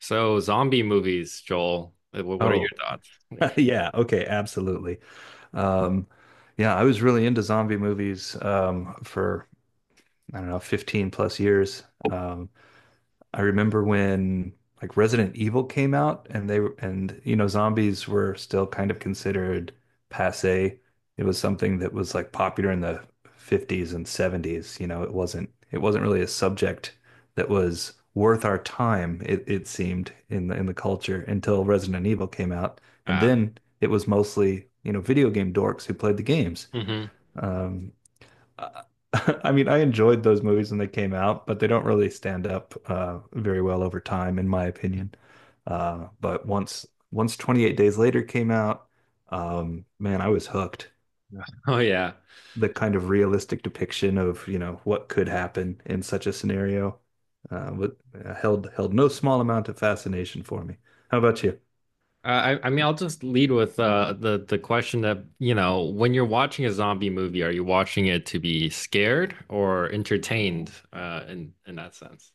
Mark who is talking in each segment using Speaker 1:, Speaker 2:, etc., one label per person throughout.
Speaker 1: So zombie movies, Joel. What are your
Speaker 2: Oh,
Speaker 1: thoughts?
Speaker 2: yeah. Okay. Absolutely. Um, yeah, I was really into zombie movies for, I don't know, 15 plus years. I remember when like Resident Evil came out and you know zombies were still kind of considered passé. It was something that was like popular in the 50s and 70s, you know, it wasn't really a subject that was worth our time, it seemed in the culture until Resident Evil came out. And
Speaker 1: Ah,
Speaker 2: then it was mostly, you know, video game dorks who played the games.
Speaker 1: mhm.
Speaker 2: Um, uh, I mean, I enjoyed those movies when they came out, but they don't really stand up very well over time, in my opinion. But once 28 Days Later came out, man, I was hooked.
Speaker 1: Oh yeah.
Speaker 2: The kind of realistic depiction of, you know, what could happen in such a scenario uh, wa- held no small amount of fascination for me. How about you?
Speaker 1: Uh, I mean, I'll just lead with the question that when you're watching a zombie movie, are you watching it to be scared or entertained? In that sense.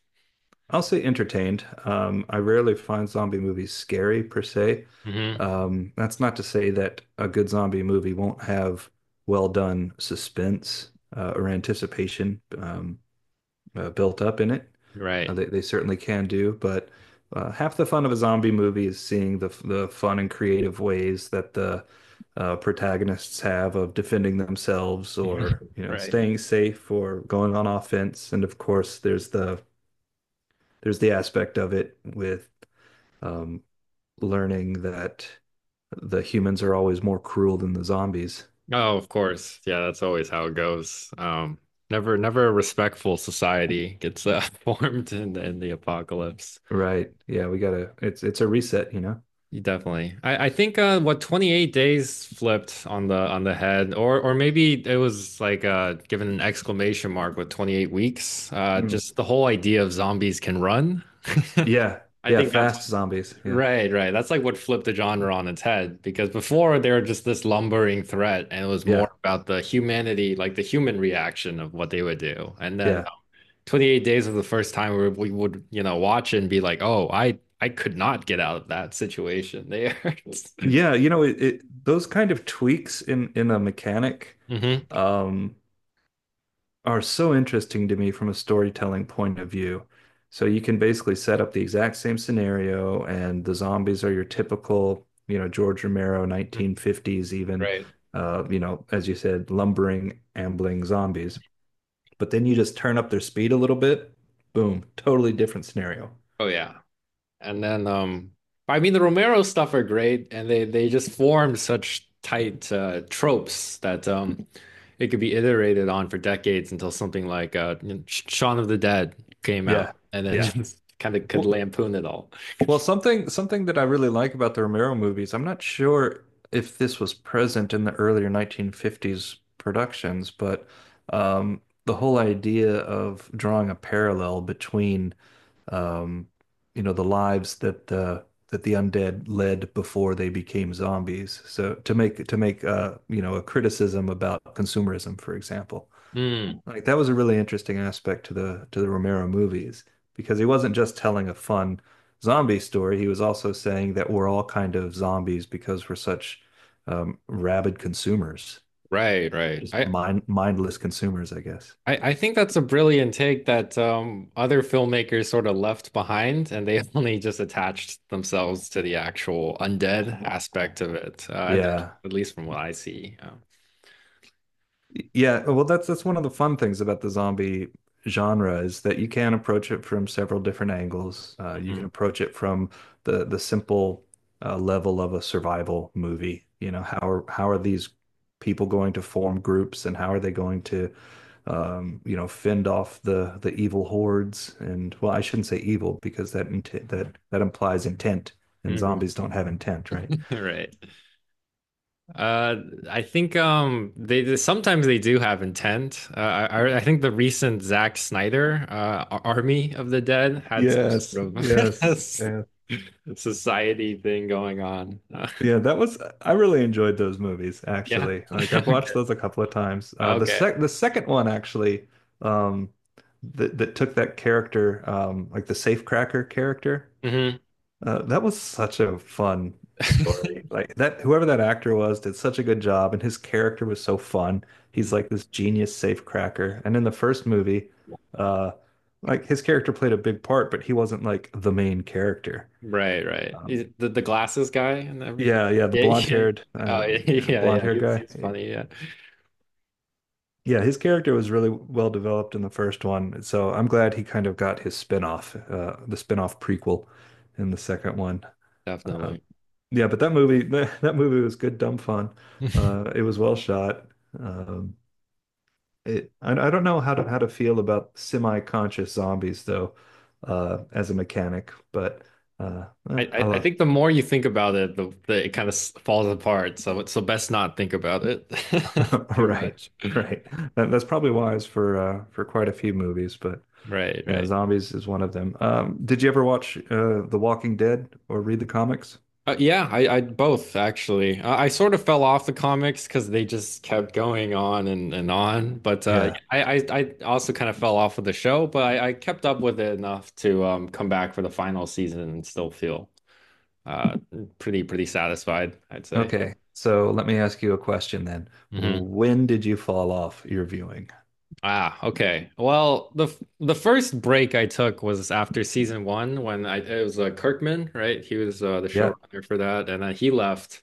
Speaker 2: I'll say entertained. I
Speaker 1: Okay.
Speaker 2: rarely find zombie movies scary per se.
Speaker 1: Hmm.
Speaker 2: That's not to say that a good zombie movie won't have well done suspense or anticipation built up in it.
Speaker 1: Right.
Speaker 2: They certainly can do, but half the fun of a zombie movie is seeing the fun and creative ways that the protagonists have of defending themselves or you know
Speaker 1: Right.
Speaker 2: staying safe or going on offense. And of course, there's the aspect of it with um, learning that the humans are always more cruel than the zombies.
Speaker 1: Oh, of course. Yeah, that's always how it goes. Never a respectful society gets formed in the apocalypse.
Speaker 2: Right. Yeah, we gotta, it's a reset, you know?
Speaker 1: You definitely. I think what 28 days flipped on the head, or maybe it was like given an exclamation mark with 28 weeks.
Speaker 2: Mm.
Speaker 1: Just the whole idea of zombies can run.
Speaker 2: Yeah.
Speaker 1: I
Speaker 2: Yeah,
Speaker 1: think that's what,
Speaker 2: fast zombies. Yeah.
Speaker 1: right, right. That's like what flipped the genre on its head, because before they were just this lumbering threat and it was
Speaker 2: Yeah.
Speaker 1: more about the humanity, like the human reaction of what they would do. And then
Speaker 2: Yeah.
Speaker 1: 28 Days was the first time where we would, you know, watch and be like, oh, I could not get out of that situation there.
Speaker 2: Yeah, you know, it those kind of tweaks in a mechanic
Speaker 1: Mm-hmm.
Speaker 2: um are so interesting to me from a storytelling point of view. So you can basically set up the exact same scenario, and the zombies are your typical, you know, George Romero 1950s, even,
Speaker 1: Right.
Speaker 2: you know, as you said, lumbering, ambling zombies. But then you just turn up their speed a little bit, boom, totally different scenario.
Speaker 1: Oh yeah. And then I mean the Romero stuff are great and they just form such tight tropes that it could be iterated on for decades until something like you know, Shaun of the Dead came out,
Speaker 2: Yeah,
Speaker 1: and then
Speaker 2: yeah.
Speaker 1: just kind of could
Speaker 2: Well,
Speaker 1: lampoon it all.
Speaker 2: Well, something that I really like about the Romero movies, I'm not sure if this was present in the earlier 1950s productions, but the whole idea of drawing a parallel between um, you know, the lives that the undead led before they became zombies. So to make you know, a criticism about consumerism, for example.
Speaker 1: Mm,
Speaker 2: Like that was a really interesting aspect to the Romero movies because he wasn't just telling a fun zombie story. He was also saying that we're all kind of zombies because we're such rabid consumers,
Speaker 1: right, right.
Speaker 2: just mindless consumers, I guess.
Speaker 1: I think that's a brilliant take that other filmmakers sort of left behind, and they only just attached themselves to the actual undead aspect of it,
Speaker 2: Yeah.
Speaker 1: at least from what I see.
Speaker 2: Yeah, well, that's one of the fun things about the zombie genre is that you can approach it from several different angles. You can
Speaker 1: Mhm,
Speaker 2: approach it from the simple level of a survival movie. You know, how are these people going to form groups, and how are they going to, you know, fend off the evil hordes? And well, I shouldn't say evil because that implies intent, and
Speaker 1: mhm.
Speaker 2: zombies don't have intent, right?
Speaker 1: Right. Uh, I think sometimes they do have intent. I think the recent Zack Snyder Army of the Dead had some
Speaker 2: Yes,
Speaker 1: sort of
Speaker 2: yes. Yeah.
Speaker 1: society thing going on.
Speaker 2: Yeah, that was, I really enjoyed those movies
Speaker 1: Yeah.
Speaker 2: actually. Like I've watched
Speaker 1: Okay.
Speaker 2: those a couple of times. Uh, the
Speaker 1: Okay.
Speaker 2: sec the second one actually, um that took that character, like the safecracker character.
Speaker 1: Mhm.
Speaker 2: Uh, that was such a fun story. Like that whoever that actor was did such a good job and his character was so fun.
Speaker 1: Mm-hmm.
Speaker 2: He's like this genius safecracker. And in the first movie, uh like his character played a big part, but he wasn't like the main character.
Speaker 1: Right, right.
Speaker 2: Um,
Speaker 1: The glasses guy and everything.
Speaker 2: yeah, yeah, the
Speaker 1: Yeah, yeah.
Speaker 2: blonde-haired,
Speaker 1: Oh,
Speaker 2: yeah,
Speaker 1: yeah, yeah.
Speaker 2: blonde-haired
Speaker 1: He was
Speaker 2: guy.
Speaker 1: funny. Yeah,
Speaker 2: Yeah, his character was really well developed in the first one, so I'm glad he kind of got his spin-off, the spin-off prequel in the second one. Uh,
Speaker 1: definitely.
Speaker 2: yeah, but that movie, that movie was good, dumb fun. It was well shot. Um, it, I don't know how to feel about semi-conscious zombies though, as a mechanic, but
Speaker 1: I,
Speaker 2: eh, I
Speaker 1: I I
Speaker 2: love.
Speaker 1: think the more you think about it, the it kind of falls apart. So best not think about it too
Speaker 2: Right,
Speaker 1: much.
Speaker 2: right. That's probably wise for quite a few movies, but.
Speaker 1: Right,
Speaker 2: Yeah,
Speaker 1: right.
Speaker 2: zombies is one of them. Did you ever watch The Walking Dead or read the comics?
Speaker 1: Yeah, I both actually. I sort of fell off the comics because they just kept going on and on. But uh,
Speaker 2: Yeah.
Speaker 1: I, I I also kind of fell off of the show, but I kept up with it enough to come back for the final season and still feel uh, pretty pretty satisfied, I'd say.
Speaker 2: Okay. So let me ask you a question then.
Speaker 1: Hmm.
Speaker 2: When did you fall off your viewing?
Speaker 1: Ah, okay. Well, the first break I took was after season one when I it was Kirkman, right? He was the
Speaker 2: Yeah.
Speaker 1: showrunner for that, and he left.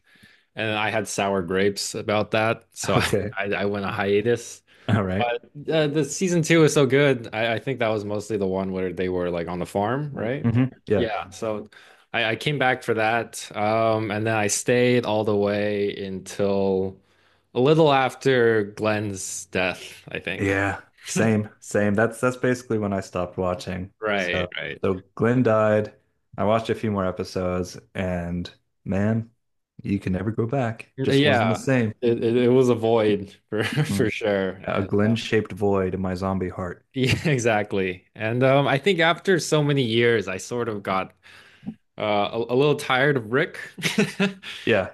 Speaker 1: And I had sour grapes about that, so I
Speaker 2: Okay.
Speaker 1: I I went a hiatus.
Speaker 2: All right.
Speaker 1: But the season two was so good. I think that was mostly the one where they were like on the farm, right?
Speaker 2: Mm-hmm. Yeah.
Speaker 1: Yeah. So I came back for that, and then I stayed all the way until a little after Glenn's death, I think.
Speaker 2: Yeah. Same. Same. That's basically when I stopped watching.
Speaker 1: Right,
Speaker 2: So
Speaker 1: right.
Speaker 2: so Glenn died. I watched a few more episodes, and man, you can never go back. Just wasn't the
Speaker 1: Yeah,
Speaker 2: same.
Speaker 1: it was a void for for
Speaker 2: Mm.
Speaker 1: sure.
Speaker 2: Yeah, a
Speaker 1: And
Speaker 2: Glenn-shaped void in my zombie heart.
Speaker 1: yeah, exactly. And I think after so many years, I sort of got uh, a little tired of Rick.
Speaker 2: Yeah.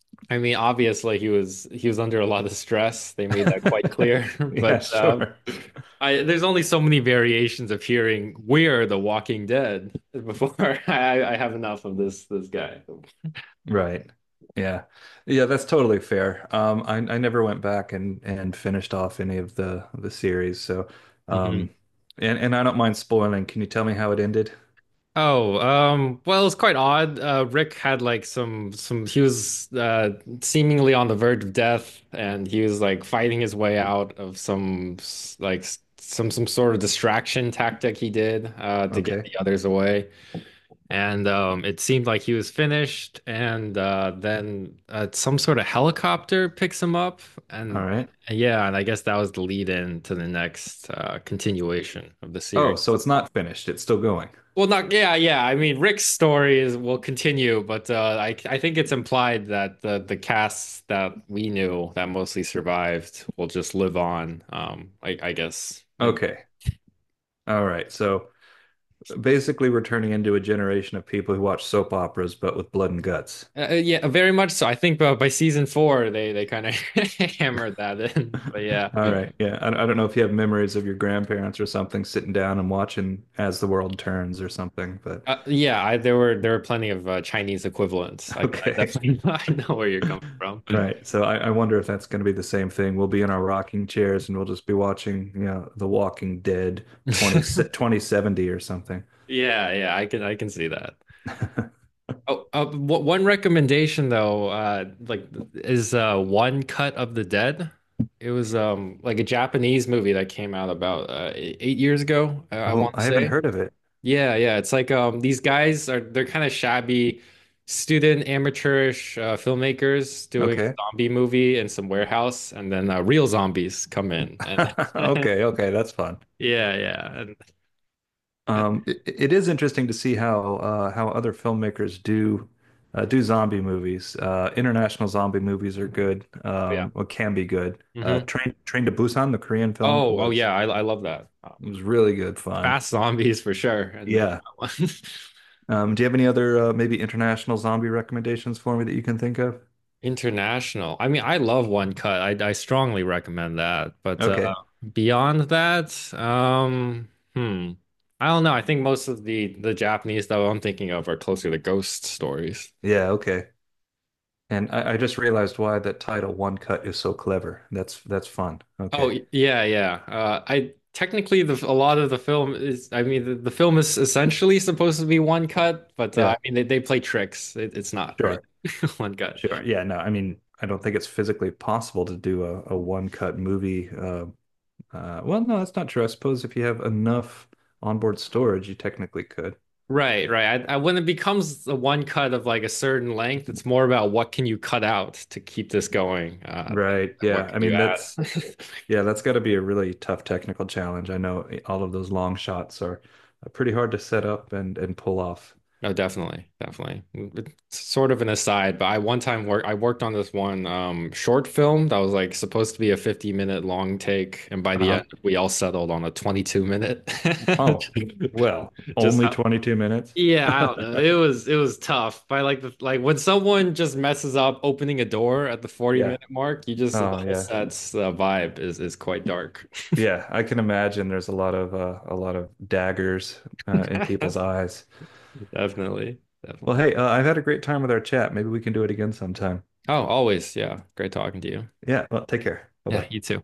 Speaker 1: I mean, obviously he was under a lot of stress. They made that quite clear.
Speaker 2: Yeah,
Speaker 1: But
Speaker 2: sure.
Speaker 1: there's only so many variations of hearing "We're the Walking Dead" before I have enough of this guy.
Speaker 2: Right. Yeah. Yeah, that's totally fair. I never went back and finished off any of the series. So, um,
Speaker 1: Mhm.
Speaker 2: and I don't mind spoiling. Can you tell me how it ended?
Speaker 1: Oh, well, it's quite odd. Rick had like some he was seemingly on the verge of death and he was like fighting his way out of some s- like s- some sort of distraction tactic he did to get
Speaker 2: Okay.
Speaker 1: the others away. And it seemed like he was finished, and then some sort of helicopter picks him up.
Speaker 2: All
Speaker 1: And
Speaker 2: right.
Speaker 1: yeah, and I guess that was the lead in to the next continuation of the series.
Speaker 2: Oh, so it's not finished. It's still going.
Speaker 1: Well, not yeah, yeah. I mean, Rick's story is will continue, but I think it's implied that the casts that we knew that mostly survived will just live on. I guess. And
Speaker 2: Okay. All right. So basically, we're turning into a generation of people who watch soap operas, but with blood and guts.
Speaker 1: Yeah, very much so. I think by season four, they kind of hammered that in. But yeah,
Speaker 2: All right. Yeah. I don't know if you have memories of your grandparents or something sitting down and watching As the World Turns or something, but
Speaker 1: yeah. There were there were plenty of Chinese equivalents. I
Speaker 2: okay.
Speaker 1: definitely I know where you're coming from.
Speaker 2: Right. So I wonder if that's going to be the same thing. We'll be in our rocking chairs and we'll just be watching, you know, The Walking Dead 2070 or something.
Speaker 1: Yeah, yeah. I can see that. Oh, one recommendation though, like is One Cut of the Dead. It was like a Japanese movie that came out about 8 years ago, I
Speaker 2: Oh,
Speaker 1: want to
Speaker 2: I haven't
Speaker 1: say.
Speaker 2: heard of it.
Speaker 1: Yeah, yeah. It's like these guys are they're kind of shabby student amateurish filmmakers doing a
Speaker 2: Okay.
Speaker 1: zombie movie in some warehouse, and then real zombies come in. And
Speaker 2: Okay. Okay. That's fun.
Speaker 1: yeah, yeah, and-
Speaker 2: It is interesting to see how other filmmakers do do zombie movies. International zombie movies are good,
Speaker 1: oh, yeah.
Speaker 2: or can be good.
Speaker 1: Hmm.
Speaker 2: Train to Busan, the Korean film,
Speaker 1: Oh, oh yeah, I love that.
Speaker 2: was really good fun.
Speaker 1: Fast Zombies for sure, and then
Speaker 2: Yeah.
Speaker 1: that one.
Speaker 2: Do you have any other maybe international zombie recommendations for me that you can think of?
Speaker 1: International. I mean, I love One Cut. I strongly recommend that. But
Speaker 2: Okay.
Speaker 1: beyond that, hmm, I don't know. I think most of the Japanese that I'm thinking of are closer to ghost stories.
Speaker 2: Yeah. Okay. And I just realized why that title "One Cut" is so clever. That's fun. Okay.
Speaker 1: Yeah, yeah. I Technically the a lot of the film is. I mean, the film is essentially supposed to be one cut, but I
Speaker 2: Yeah.
Speaker 1: mean they play tricks. It, it's not really
Speaker 2: Sure.
Speaker 1: one cut.
Speaker 2: Sure. Yeah. No, I mean, I don't think it's physically possible to do a one-cut movie. Well, no, that's not true. I suppose if you have enough onboard storage, you technically could.
Speaker 1: Right, right. When it becomes the one cut of like a certain length, it's more about what can you cut out to keep this going,
Speaker 2: Right.
Speaker 1: than what
Speaker 2: Yeah.
Speaker 1: can
Speaker 2: I
Speaker 1: you
Speaker 2: mean,
Speaker 1: add?
Speaker 2: that's, yeah, that's got to be a really tough technical challenge. I know eh, all of those long shots are pretty hard to set up and pull off.
Speaker 1: No, definitely, definitely. It's sort of an aside, but I worked on this one short film that was like supposed to be a 50-minute long take, and by the
Speaker 2: Uh-huh.
Speaker 1: end we all settled on a 22 minute.
Speaker 2: Oh, well,
Speaker 1: Just
Speaker 2: only 22 minutes.
Speaker 1: yeah, I don't know. It was tough. By like the like When someone just messes up opening a door at the 40
Speaker 2: Yeah.
Speaker 1: minute mark, you just the
Speaker 2: Oh,
Speaker 1: whole
Speaker 2: yeah.
Speaker 1: set's vibe is quite dark.
Speaker 2: Yeah. I can imagine there's a lot of daggers, in people's eyes.
Speaker 1: Definitely.
Speaker 2: Well,
Speaker 1: Definitely.
Speaker 2: hey, I've had a great time with our chat. Maybe we can do it again sometime.
Speaker 1: Oh, always. Yeah. Great talking to you.
Speaker 2: Yeah, well, take care. Bye
Speaker 1: Yeah,
Speaker 2: bye.
Speaker 1: you too.